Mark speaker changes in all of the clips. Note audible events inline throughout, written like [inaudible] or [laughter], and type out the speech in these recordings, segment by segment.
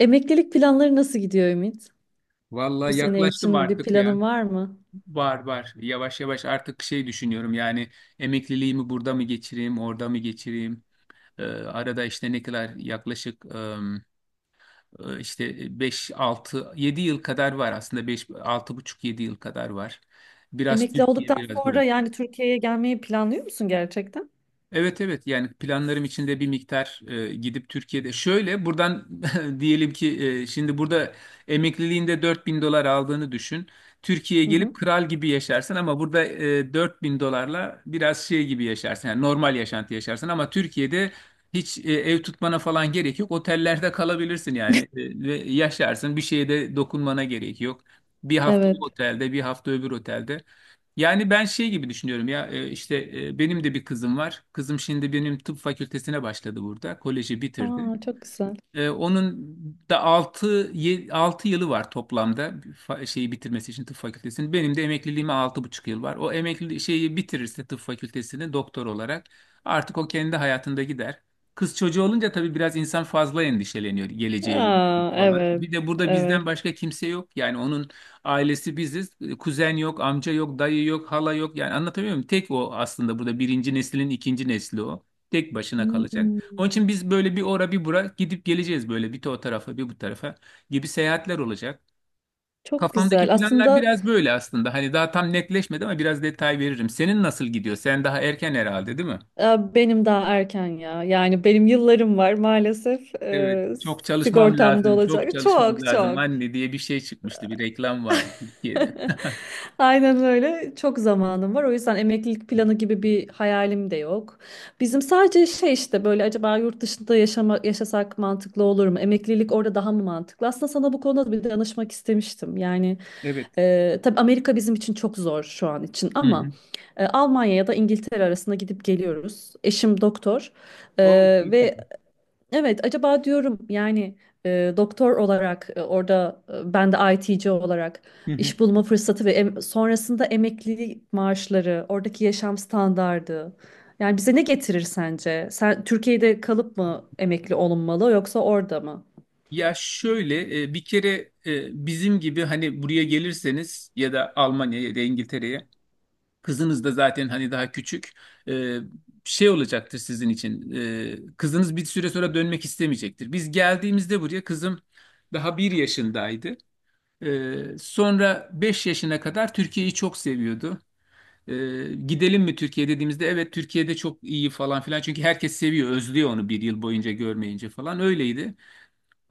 Speaker 1: Emeklilik planları nasıl gidiyor Ümit? Bu
Speaker 2: Vallahi
Speaker 1: sene
Speaker 2: yaklaştım
Speaker 1: için bir
Speaker 2: artık ya.
Speaker 1: planın var mı?
Speaker 2: Var var. Yavaş yavaş artık şey düşünüyorum yani emekliliğimi burada mı geçireyim, orada mı geçireyim? Arada işte ne kadar yaklaşık işte 5 6 7 yıl kadar var aslında. Beş altı buçuk yedi yıl kadar var. Biraz
Speaker 1: Emekli
Speaker 2: Türkiye,
Speaker 1: olduktan
Speaker 2: biraz
Speaker 1: sonra
Speaker 2: burası.
Speaker 1: yani Türkiye'ye gelmeyi planlıyor musun gerçekten?
Speaker 2: Evet evet, yani planlarım içinde bir miktar gidip Türkiye'de şöyle buradan [laughs] diyelim ki şimdi burada emekliliğinde $4.000 aldığını düşün. Türkiye'ye
Speaker 1: Hı
Speaker 2: gelip
Speaker 1: hı.
Speaker 2: kral gibi yaşarsın, ama burada $4.000'la biraz şey gibi yaşarsın, yani normal yaşantı yaşarsın. Ama Türkiye'de hiç ev tutmana falan gerek yok. Otellerde kalabilirsin yani, ve yaşarsın, bir şeye de dokunmana gerek yok. Bir hafta o
Speaker 1: Evet.
Speaker 2: otelde, bir hafta öbür otelde. Yani ben şey gibi düşünüyorum ya, işte, benim de bir kızım var. Kızım şimdi benim tıp fakültesine başladı burada. Koleji bitirdi.
Speaker 1: Aa, çok güzel.
Speaker 2: Onun da 6 yılı var toplamda şeyi bitirmesi için, tıp fakültesini. Benim de emekliliğime 6,5 yıl var. O emekli şeyi bitirirse, tıp fakültesini doktor olarak, artık o kendi hayatında gider. Kız çocuğu olunca tabii biraz insan fazla endişeleniyor geleceğe
Speaker 1: Aa,
Speaker 2: yönelik falan.
Speaker 1: evet,
Speaker 2: Bir de burada
Speaker 1: evet.
Speaker 2: bizden başka kimse yok. Yani onun ailesi biziz. Kuzen yok, amca yok, dayı yok, hala yok. Yani anlatabiliyor muyum? Tek o aslında, burada birinci neslin ikinci nesli o. Tek başına kalacak.
Speaker 1: Hmm,
Speaker 2: Onun için biz böyle bir ora bir bura gidip geleceğiz, böyle bir de o tarafa bir bu tarafa gibi seyahatler olacak.
Speaker 1: çok güzel.
Speaker 2: Kafamdaki planlar
Speaker 1: Aslında
Speaker 2: biraz böyle aslında. Hani daha tam netleşmedi ama biraz detay veririm. Senin nasıl gidiyor? Sen daha erken herhalde, değil mi?
Speaker 1: benim daha erken ya. Yani benim yıllarım var maalesef.
Speaker 2: Evet. Çok çalışmam
Speaker 1: Sigortamda
Speaker 2: lazım, çok
Speaker 1: olacak.
Speaker 2: çalışmam
Speaker 1: Çok
Speaker 2: lazım
Speaker 1: çok.
Speaker 2: anne diye bir şey çıkmıştı. Bir reklam vardı Türkiye'de.
Speaker 1: [laughs]
Speaker 2: [laughs]
Speaker 1: Aynen öyle. Çok zamanım var. O yüzden emeklilik planı gibi bir hayalim de yok. Bizim sadece şey işte böyle acaba yurt dışında yaşasak mantıklı olur mu? Emeklilik orada daha mı mantıklı? Aslında sana bu konuda bir danışmak istemiştim. Yani
Speaker 2: Evet.
Speaker 1: tabii Amerika bizim için çok zor şu an için
Speaker 2: Hı
Speaker 1: ama
Speaker 2: hı.
Speaker 1: Almanya ya da İngiltere arasında gidip geliyoruz. Eşim doktor e,
Speaker 2: O çok
Speaker 1: ve,
Speaker 2: güzel.
Speaker 1: evet, acaba diyorum yani doktor olarak orada, ben de IT'ci olarak
Speaker 2: Hı hı.
Speaker 1: iş bulma fırsatı ve sonrasında emeklilik maaşları, oradaki yaşam standardı. Yani bize ne getirir sence? Sen Türkiye'de kalıp mı emekli olunmalı yoksa orada mı?
Speaker 2: Ya şöyle, bir kere bizim gibi hani buraya gelirseniz ya da Almanya'ya ya da İngiltere'ye, kızınız da zaten hani daha küçük. Ee, şey olacaktır sizin için. Kızınız bir süre sonra dönmek istemeyecektir. Biz geldiğimizde buraya kızım daha 1 yaşındaydı. Sonra 5 yaşına kadar Türkiye'yi çok seviyordu. Gidelim mi Türkiye dediğimizde evet, Türkiye'de çok iyi falan filan. Çünkü herkes seviyor, özlüyor onu 1 yıl boyunca görmeyince falan. Öyleydi.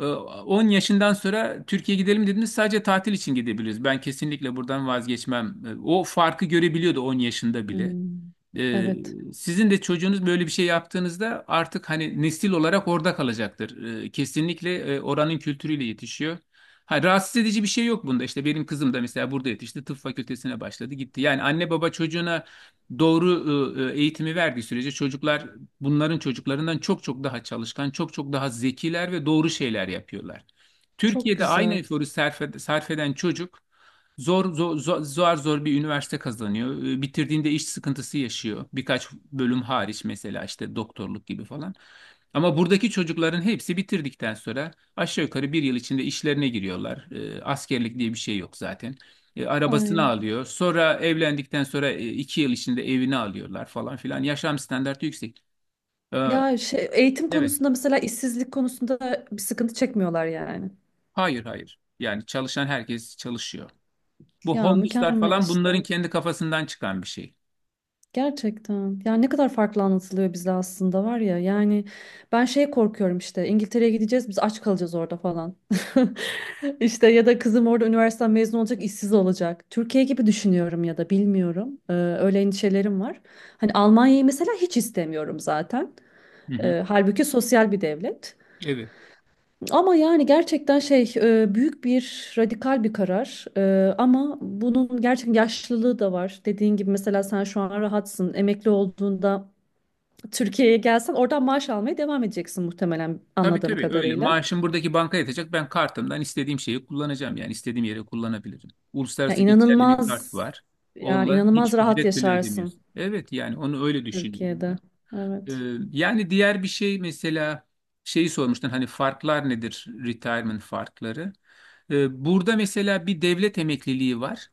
Speaker 2: 10 yaşından sonra Türkiye gidelim dediğimiz sadece tatil için gidebiliriz. Ben kesinlikle buradan vazgeçmem. O farkı görebiliyordu 10 yaşında bile.
Speaker 1: Hmm,
Speaker 2: Ee,
Speaker 1: evet,
Speaker 2: sizin de çocuğunuz böyle bir şey yaptığınızda artık hani nesil olarak orada kalacaktır. Kesinlikle oranın kültürüyle yetişiyor. Ha, rahatsız edici bir şey yok bunda. İşte benim kızım da mesela burada yetişti. Tıp fakültesine başladı, gitti. Yani anne baba çocuğuna doğru eğitimi verdiği sürece, çocuklar bunların çocuklarından çok çok daha çalışkan, çok çok daha zekiler ve doğru şeyler yapıyorlar.
Speaker 1: çok
Speaker 2: Türkiye'de aynı
Speaker 1: güzel.
Speaker 2: eforu sarf eden çocuk zor, zor, zor, zor zor bir üniversite kazanıyor. Bitirdiğinde iş sıkıntısı yaşıyor. Birkaç bölüm hariç, mesela işte doktorluk gibi falan. Ama buradaki çocukların hepsi bitirdikten sonra aşağı yukarı 1 yıl içinde işlerine giriyorlar. Askerlik diye bir şey yok zaten. Arabasını
Speaker 1: Ay.
Speaker 2: alıyor. Sonra evlendikten sonra 2 yıl içinde evini alıyorlar falan filan. Yaşam standartı yüksek. Ee,
Speaker 1: Ya şey, eğitim
Speaker 2: evet.
Speaker 1: konusunda mesela işsizlik konusunda bir sıkıntı çekmiyorlar yani.
Speaker 2: Hayır hayır. Yani çalışan herkes çalışıyor. Bu
Speaker 1: Ya
Speaker 2: homeless'lar
Speaker 1: mükemmel
Speaker 2: falan bunların
Speaker 1: işte.
Speaker 2: kendi kafasından çıkan bir şey.
Speaker 1: Gerçekten. Yani ne kadar farklı anlatılıyor bize aslında var ya. Yani ben şey korkuyorum işte İngiltere'ye gideceğiz biz aç kalacağız orada falan. [laughs] İşte ya da kızım orada üniversiteden mezun olacak işsiz olacak. Türkiye gibi düşünüyorum ya da bilmiyorum. Öyle endişelerim var. Hani Almanya'yı mesela hiç istemiyorum zaten.
Speaker 2: Hı hı.
Speaker 1: Halbuki sosyal bir devlet.
Speaker 2: Evet.
Speaker 1: Ama yani gerçekten şey büyük bir radikal bir karar. Ama bunun gerçekten yaşlılığı da var. Dediğin gibi mesela sen şu an rahatsın. Emekli olduğunda Türkiye'ye gelsen oradan maaş almaya devam edeceksin muhtemelen
Speaker 2: Tabii
Speaker 1: anladığım
Speaker 2: tabii, öyle.
Speaker 1: kadarıyla.
Speaker 2: Maaşım buradaki banka yatacak. Ben kartımdan istediğim şeyi kullanacağım. Yani istediğim yere kullanabilirim.
Speaker 1: Ya
Speaker 2: Uluslararası geçerli bir kart
Speaker 1: inanılmaz
Speaker 2: var.
Speaker 1: yani
Speaker 2: Onunla
Speaker 1: inanılmaz
Speaker 2: hiç
Speaker 1: rahat
Speaker 2: ücret bile
Speaker 1: yaşarsın
Speaker 2: ödemiyorsun. Evet, yani onu öyle düşünüyorum ben.
Speaker 1: Türkiye'de. Evet.
Speaker 2: Ee, yani diğer bir şey mesela, şeyi sormuştun hani farklar nedir? Retirement farkları. Burada mesela bir devlet emekliliği var.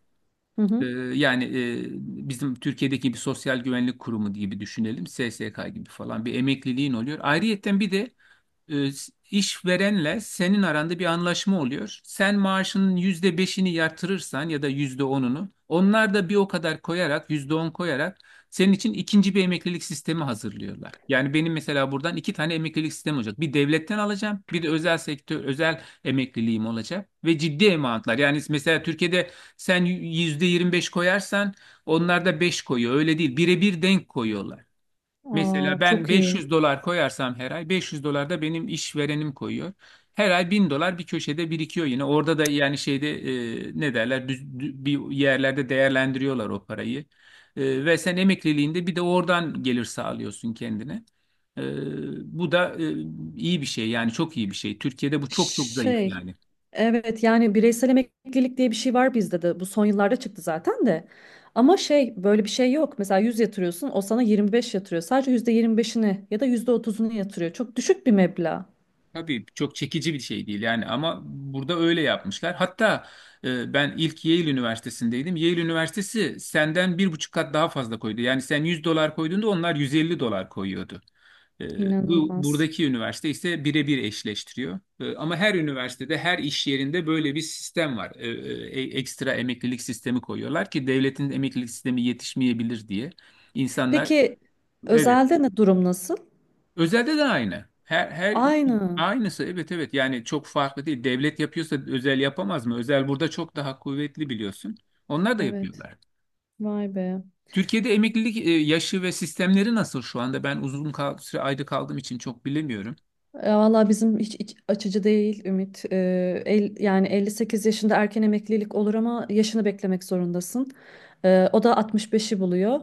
Speaker 1: Hı
Speaker 2: Ee,
Speaker 1: hı.
Speaker 2: yani bizim Türkiye'deki bir sosyal güvenlik kurumu gibi düşünelim. SSK gibi falan bir emekliliğin oluyor. Ayrıyetten bir de e, işverenle senin aranda bir anlaşma oluyor. Sen maaşının %5'ini yatırırsan ya da %10'unu, onlar da bir o kadar koyarak, %10 koyarak senin için ikinci bir emeklilik sistemi hazırlıyorlar. Yani benim mesela buradan iki tane emeklilik sistemi olacak. Bir devletten alacağım, bir de özel sektör, özel emekliliğim olacak ve ciddi emalatlar. Yani mesela Türkiye'de sen %25 koyarsan, onlar da beş koyuyor. Öyle değil, birebir denk koyuyorlar. Mesela
Speaker 1: Aa,
Speaker 2: ben
Speaker 1: çok iyi.
Speaker 2: 500 dolar koyarsam, her ay 500 dolar da benim işverenim koyuyor. Her ay $1.000 bir köşede birikiyor yine. Orada da yani şeyde, ne derler, bir yerlerde değerlendiriyorlar o parayı. Ve sen emekliliğinde bir de oradan gelir sağlıyorsun kendine. E, bu da iyi bir şey, yani çok iyi bir şey. Türkiye'de bu çok çok zayıf
Speaker 1: Şey,
Speaker 2: yani.
Speaker 1: evet yani bireysel emeklilik diye bir şey var bizde de. Bu son yıllarda çıktı zaten de. Ama şey böyle bir şey yok. Mesela 100 yatırıyorsun, o sana 25 yatırıyor. Sadece yüzde 25'ini ya da %30'unu yatırıyor. Çok düşük bir meblağ.
Speaker 2: Tabii çok çekici bir şey değil yani, ama burada öyle yapmışlar. Hatta ben ilk Yale Üniversitesi'ndeydim. Yale Üniversitesi senden 1,5 kat daha fazla koydu. Yani sen 100 dolar koyduğunda, onlar 150 dolar koyuyordu. E, bu
Speaker 1: İnanılmaz.
Speaker 2: buradaki üniversite ise birebir eşleştiriyor. Ama her üniversitede, her iş yerinde böyle bir sistem var. Ekstra emeklilik sistemi koyuyorlar ki devletin emeklilik sistemi yetişmeyebilir diye. İnsanlar.
Speaker 1: Peki
Speaker 2: Evet, evet.
Speaker 1: özelde ne durum nasıl?
Speaker 2: Özelde de aynı. Her
Speaker 1: Aynı.
Speaker 2: aynısı, evet evet, yani çok farklı değil. Devlet yapıyorsa özel yapamaz mı? Özel burada çok daha kuvvetli, biliyorsun. Onlar da
Speaker 1: Evet.
Speaker 2: yapıyorlar.
Speaker 1: Vay be.
Speaker 2: Türkiye'de emeklilik yaşı ve sistemleri nasıl şu anda? Ben uzun süre ayda kaldığım için çok bilemiyorum.
Speaker 1: Ya valla bizim hiç iç açıcı değil Ümit. Yani 58 yaşında erken emeklilik olur ama yaşını beklemek zorundasın. O da 65'i buluyor.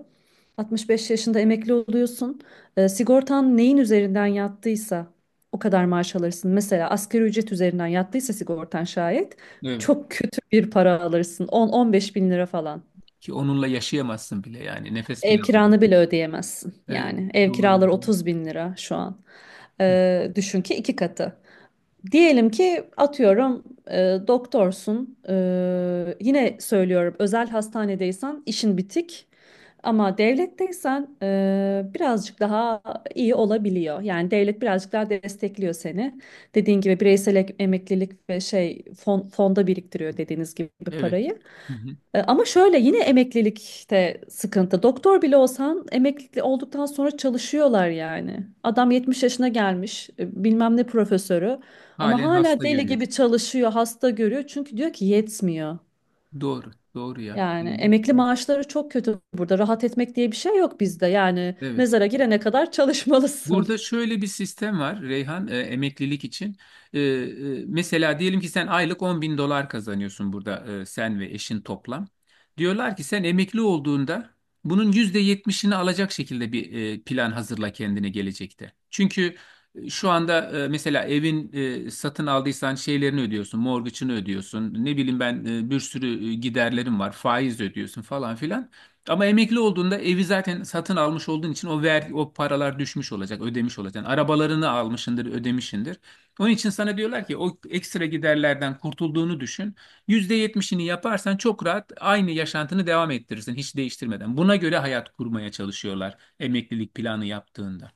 Speaker 1: 65 yaşında emekli oluyorsun. Sigortan neyin üzerinden yattıysa o kadar maaş alırsın. Mesela asgari ücret üzerinden yattıysa sigortan şayet
Speaker 2: Evet.
Speaker 1: çok kötü bir para alırsın. 10-15 bin lira falan.
Speaker 2: Ki onunla yaşayamazsın bile, yani nefes bile
Speaker 1: Ev
Speaker 2: aldım.
Speaker 1: kiranı bile ödeyemezsin.
Speaker 2: Evet,
Speaker 1: Yani ev
Speaker 2: doğru.
Speaker 1: kiraları 30 bin lira şu an.
Speaker 2: Hı.
Speaker 1: Düşün ki iki katı. Diyelim ki atıyorum e, doktorsun. Yine söylüyorum, özel hastanedeysen işin bitik. Ama devletteysen birazcık daha iyi olabiliyor. Yani devlet birazcık daha destekliyor seni. Dediğin gibi bireysel emeklilik ve şey fonda biriktiriyor dediğiniz gibi
Speaker 2: Evet.
Speaker 1: parayı.
Speaker 2: Hı hı.
Speaker 1: Ama şöyle, yine emeklilikte sıkıntı. Doktor bile olsan emekli olduktan sonra çalışıyorlar yani. Adam 70 yaşına gelmiş, bilmem ne profesörü, ama
Speaker 2: Halen
Speaker 1: hala
Speaker 2: hasta
Speaker 1: deli
Speaker 2: görüyor.
Speaker 1: gibi çalışıyor, hasta görüyor. Çünkü diyor ki yetmiyor.
Speaker 2: Doğru doğru ya.
Speaker 1: Yani
Speaker 2: Yani.
Speaker 1: emekli maaşları çok kötü burada. Rahat etmek diye bir şey yok bizde. Yani
Speaker 2: Evet.
Speaker 1: mezara girene kadar çalışmalısın.
Speaker 2: Burada şöyle bir sistem var Reyhan, emeklilik için. Mesela diyelim ki sen aylık $10.000 kazanıyorsun burada, sen ve eşin toplam. Diyorlar ki sen emekli olduğunda bunun %70'ini alacak şekilde bir plan hazırla kendine, gelecekte. Çünkü şu anda mesela evin satın aldıysan şeylerini ödüyorsun, mortgage'ını ödüyorsun. Ne bileyim ben, bir sürü giderlerim var, faiz ödüyorsun falan filan. Ama emekli olduğunda evi zaten satın almış olduğun için, o vergi, o paralar düşmüş olacak, ödemiş olacaksın. Arabalarını almışındır, ödemişindir. Onun için sana diyorlar ki o ekstra giderlerden kurtulduğunu düşün. %70'ini yaparsan çok rahat aynı yaşantını devam ettirirsin hiç değiştirmeden. Buna göre hayat kurmaya çalışıyorlar emeklilik planı yaptığında.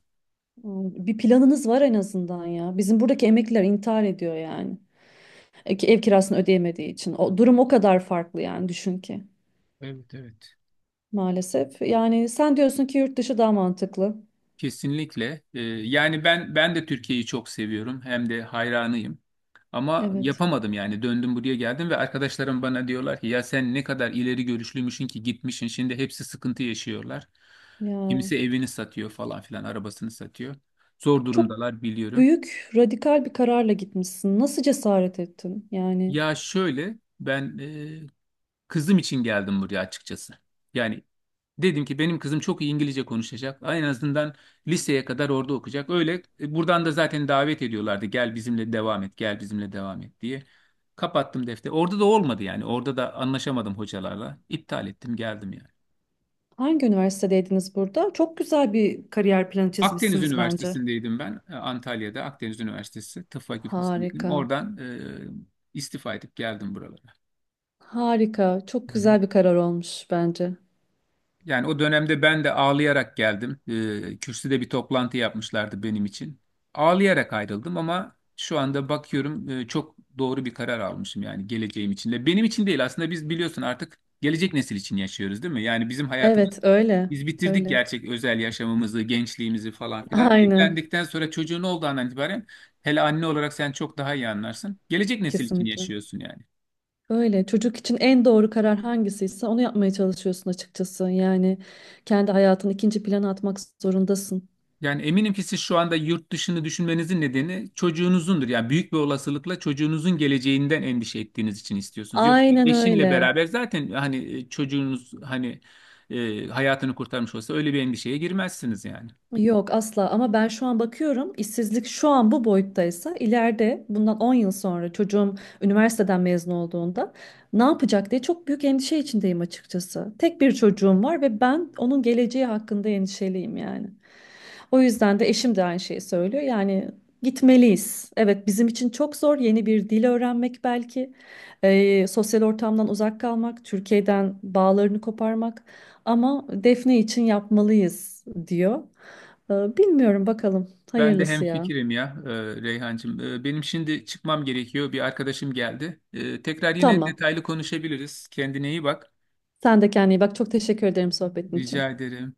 Speaker 1: Bir planınız var en azından ya. Bizim buradaki emekliler intihar ediyor yani, ki ev kirasını ödeyemediği için. O durum o kadar farklı, yani düşün ki.
Speaker 2: Evet, evet.
Speaker 1: maalesef. Yani sen diyorsun ki yurt dışı daha mantıklı.
Speaker 2: Kesinlikle. Yani ben de Türkiye'yi çok seviyorum, hem de hayranıyım. Ama
Speaker 1: Evet.
Speaker 2: yapamadım yani, döndüm buraya geldim ve arkadaşlarım bana diyorlar ki ya sen ne kadar ileri görüşlüymüşsün ki gitmişsin, şimdi hepsi sıkıntı yaşıyorlar.
Speaker 1: Ya
Speaker 2: Kimisi evini satıyor falan filan, arabasını satıyor. Zor
Speaker 1: çok
Speaker 2: durumdalar, biliyorum.
Speaker 1: büyük, radikal bir kararla gitmişsin. Nasıl cesaret ettin? Yani
Speaker 2: Ya şöyle, ben kızım için geldim buraya, açıkçası. Yani dedim ki benim kızım çok iyi İngilizce konuşacak. En azından liseye kadar orada okuyacak. Öyle, buradan da zaten davet ediyorlardı. Gel bizimle devam et, gel bizimle devam et diye. Kapattım defteri. Orada da olmadı yani. Orada da anlaşamadım hocalarla. İptal ettim, geldim yani.
Speaker 1: hangi üniversitedeydiniz burada? Çok güzel bir kariyer planı
Speaker 2: Akdeniz
Speaker 1: çizmişsiniz bence.
Speaker 2: Üniversitesi'ndeydim ben. Antalya'da Akdeniz Üniversitesi Tıp Fakültesindeydim.
Speaker 1: Harika.
Speaker 2: Oradan istifa edip geldim buralara.
Speaker 1: Harika. Çok
Speaker 2: Hı hı.
Speaker 1: güzel bir karar olmuş bence.
Speaker 2: Yani o dönemde ben de ağlayarak geldim. Kürsüde bir toplantı yapmışlardı benim için. Ağlayarak ayrıldım, ama şu anda bakıyorum çok doğru bir karar almışım yani, geleceğim için de. Benim için değil aslında, biz biliyorsun artık gelecek nesil için yaşıyoruz, değil mi? Yani bizim hayatımız,
Speaker 1: Evet, öyle.
Speaker 2: biz bitirdik
Speaker 1: Öyle.
Speaker 2: gerçek özel yaşamımızı, gençliğimizi falan filan.
Speaker 1: Aynen.
Speaker 2: Evlendikten sonra çocuğun olduğu andan itibaren, hele anne olarak sen çok daha iyi anlarsın. Gelecek nesil için
Speaker 1: Kesinlikle.
Speaker 2: yaşıyorsun yani.
Speaker 1: Öyle. Çocuk için en doğru karar hangisiyse onu yapmaya çalışıyorsun açıkçası. Yani kendi hayatını ikinci plana atmak zorundasın.
Speaker 2: Yani eminim ki siz şu anda yurt dışını düşünmenizin nedeni çocuğunuzundur. Yani büyük bir olasılıkla çocuğunuzun geleceğinden endişe ettiğiniz için istiyorsunuz. Yoksa
Speaker 1: Aynen
Speaker 2: eşinle
Speaker 1: öyle.
Speaker 2: beraber zaten hani, çocuğunuz hani hayatını kurtarmış olsa öyle bir endişeye girmezsiniz yani.
Speaker 1: Yok, asla, ama ben şu an bakıyorum, işsizlik şu an bu boyuttaysa ileride, bundan 10 yıl sonra, çocuğum üniversiteden mezun olduğunda ne yapacak diye çok büyük endişe içindeyim açıkçası. Tek bir çocuğum var ve ben onun geleceği hakkında endişeliyim yani. O yüzden de eşim de aynı şeyi söylüyor yani, gitmeliyiz. Evet, bizim için çok zor yeni bir dil öğrenmek, belki sosyal ortamdan uzak kalmak, Türkiye'den bağlarını koparmak, ama Defne için yapmalıyız diyor. Bilmiyorum, bakalım.
Speaker 2: Ben de
Speaker 1: Hayırlısı ya.
Speaker 2: hemfikirim ya, Reyhancığım. Benim şimdi çıkmam gerekiyor. Bir arkadaşım geldi. Tekrar yine
Speaker 1: Tamam.
Speaker 2: detaylı konuşabiliriz. Kendine iyi bak.
Speaker 1: Sen de kendine iyi bak. Çok teşekkür ederim sohbetin için.
Speaker 2: Rica ederim.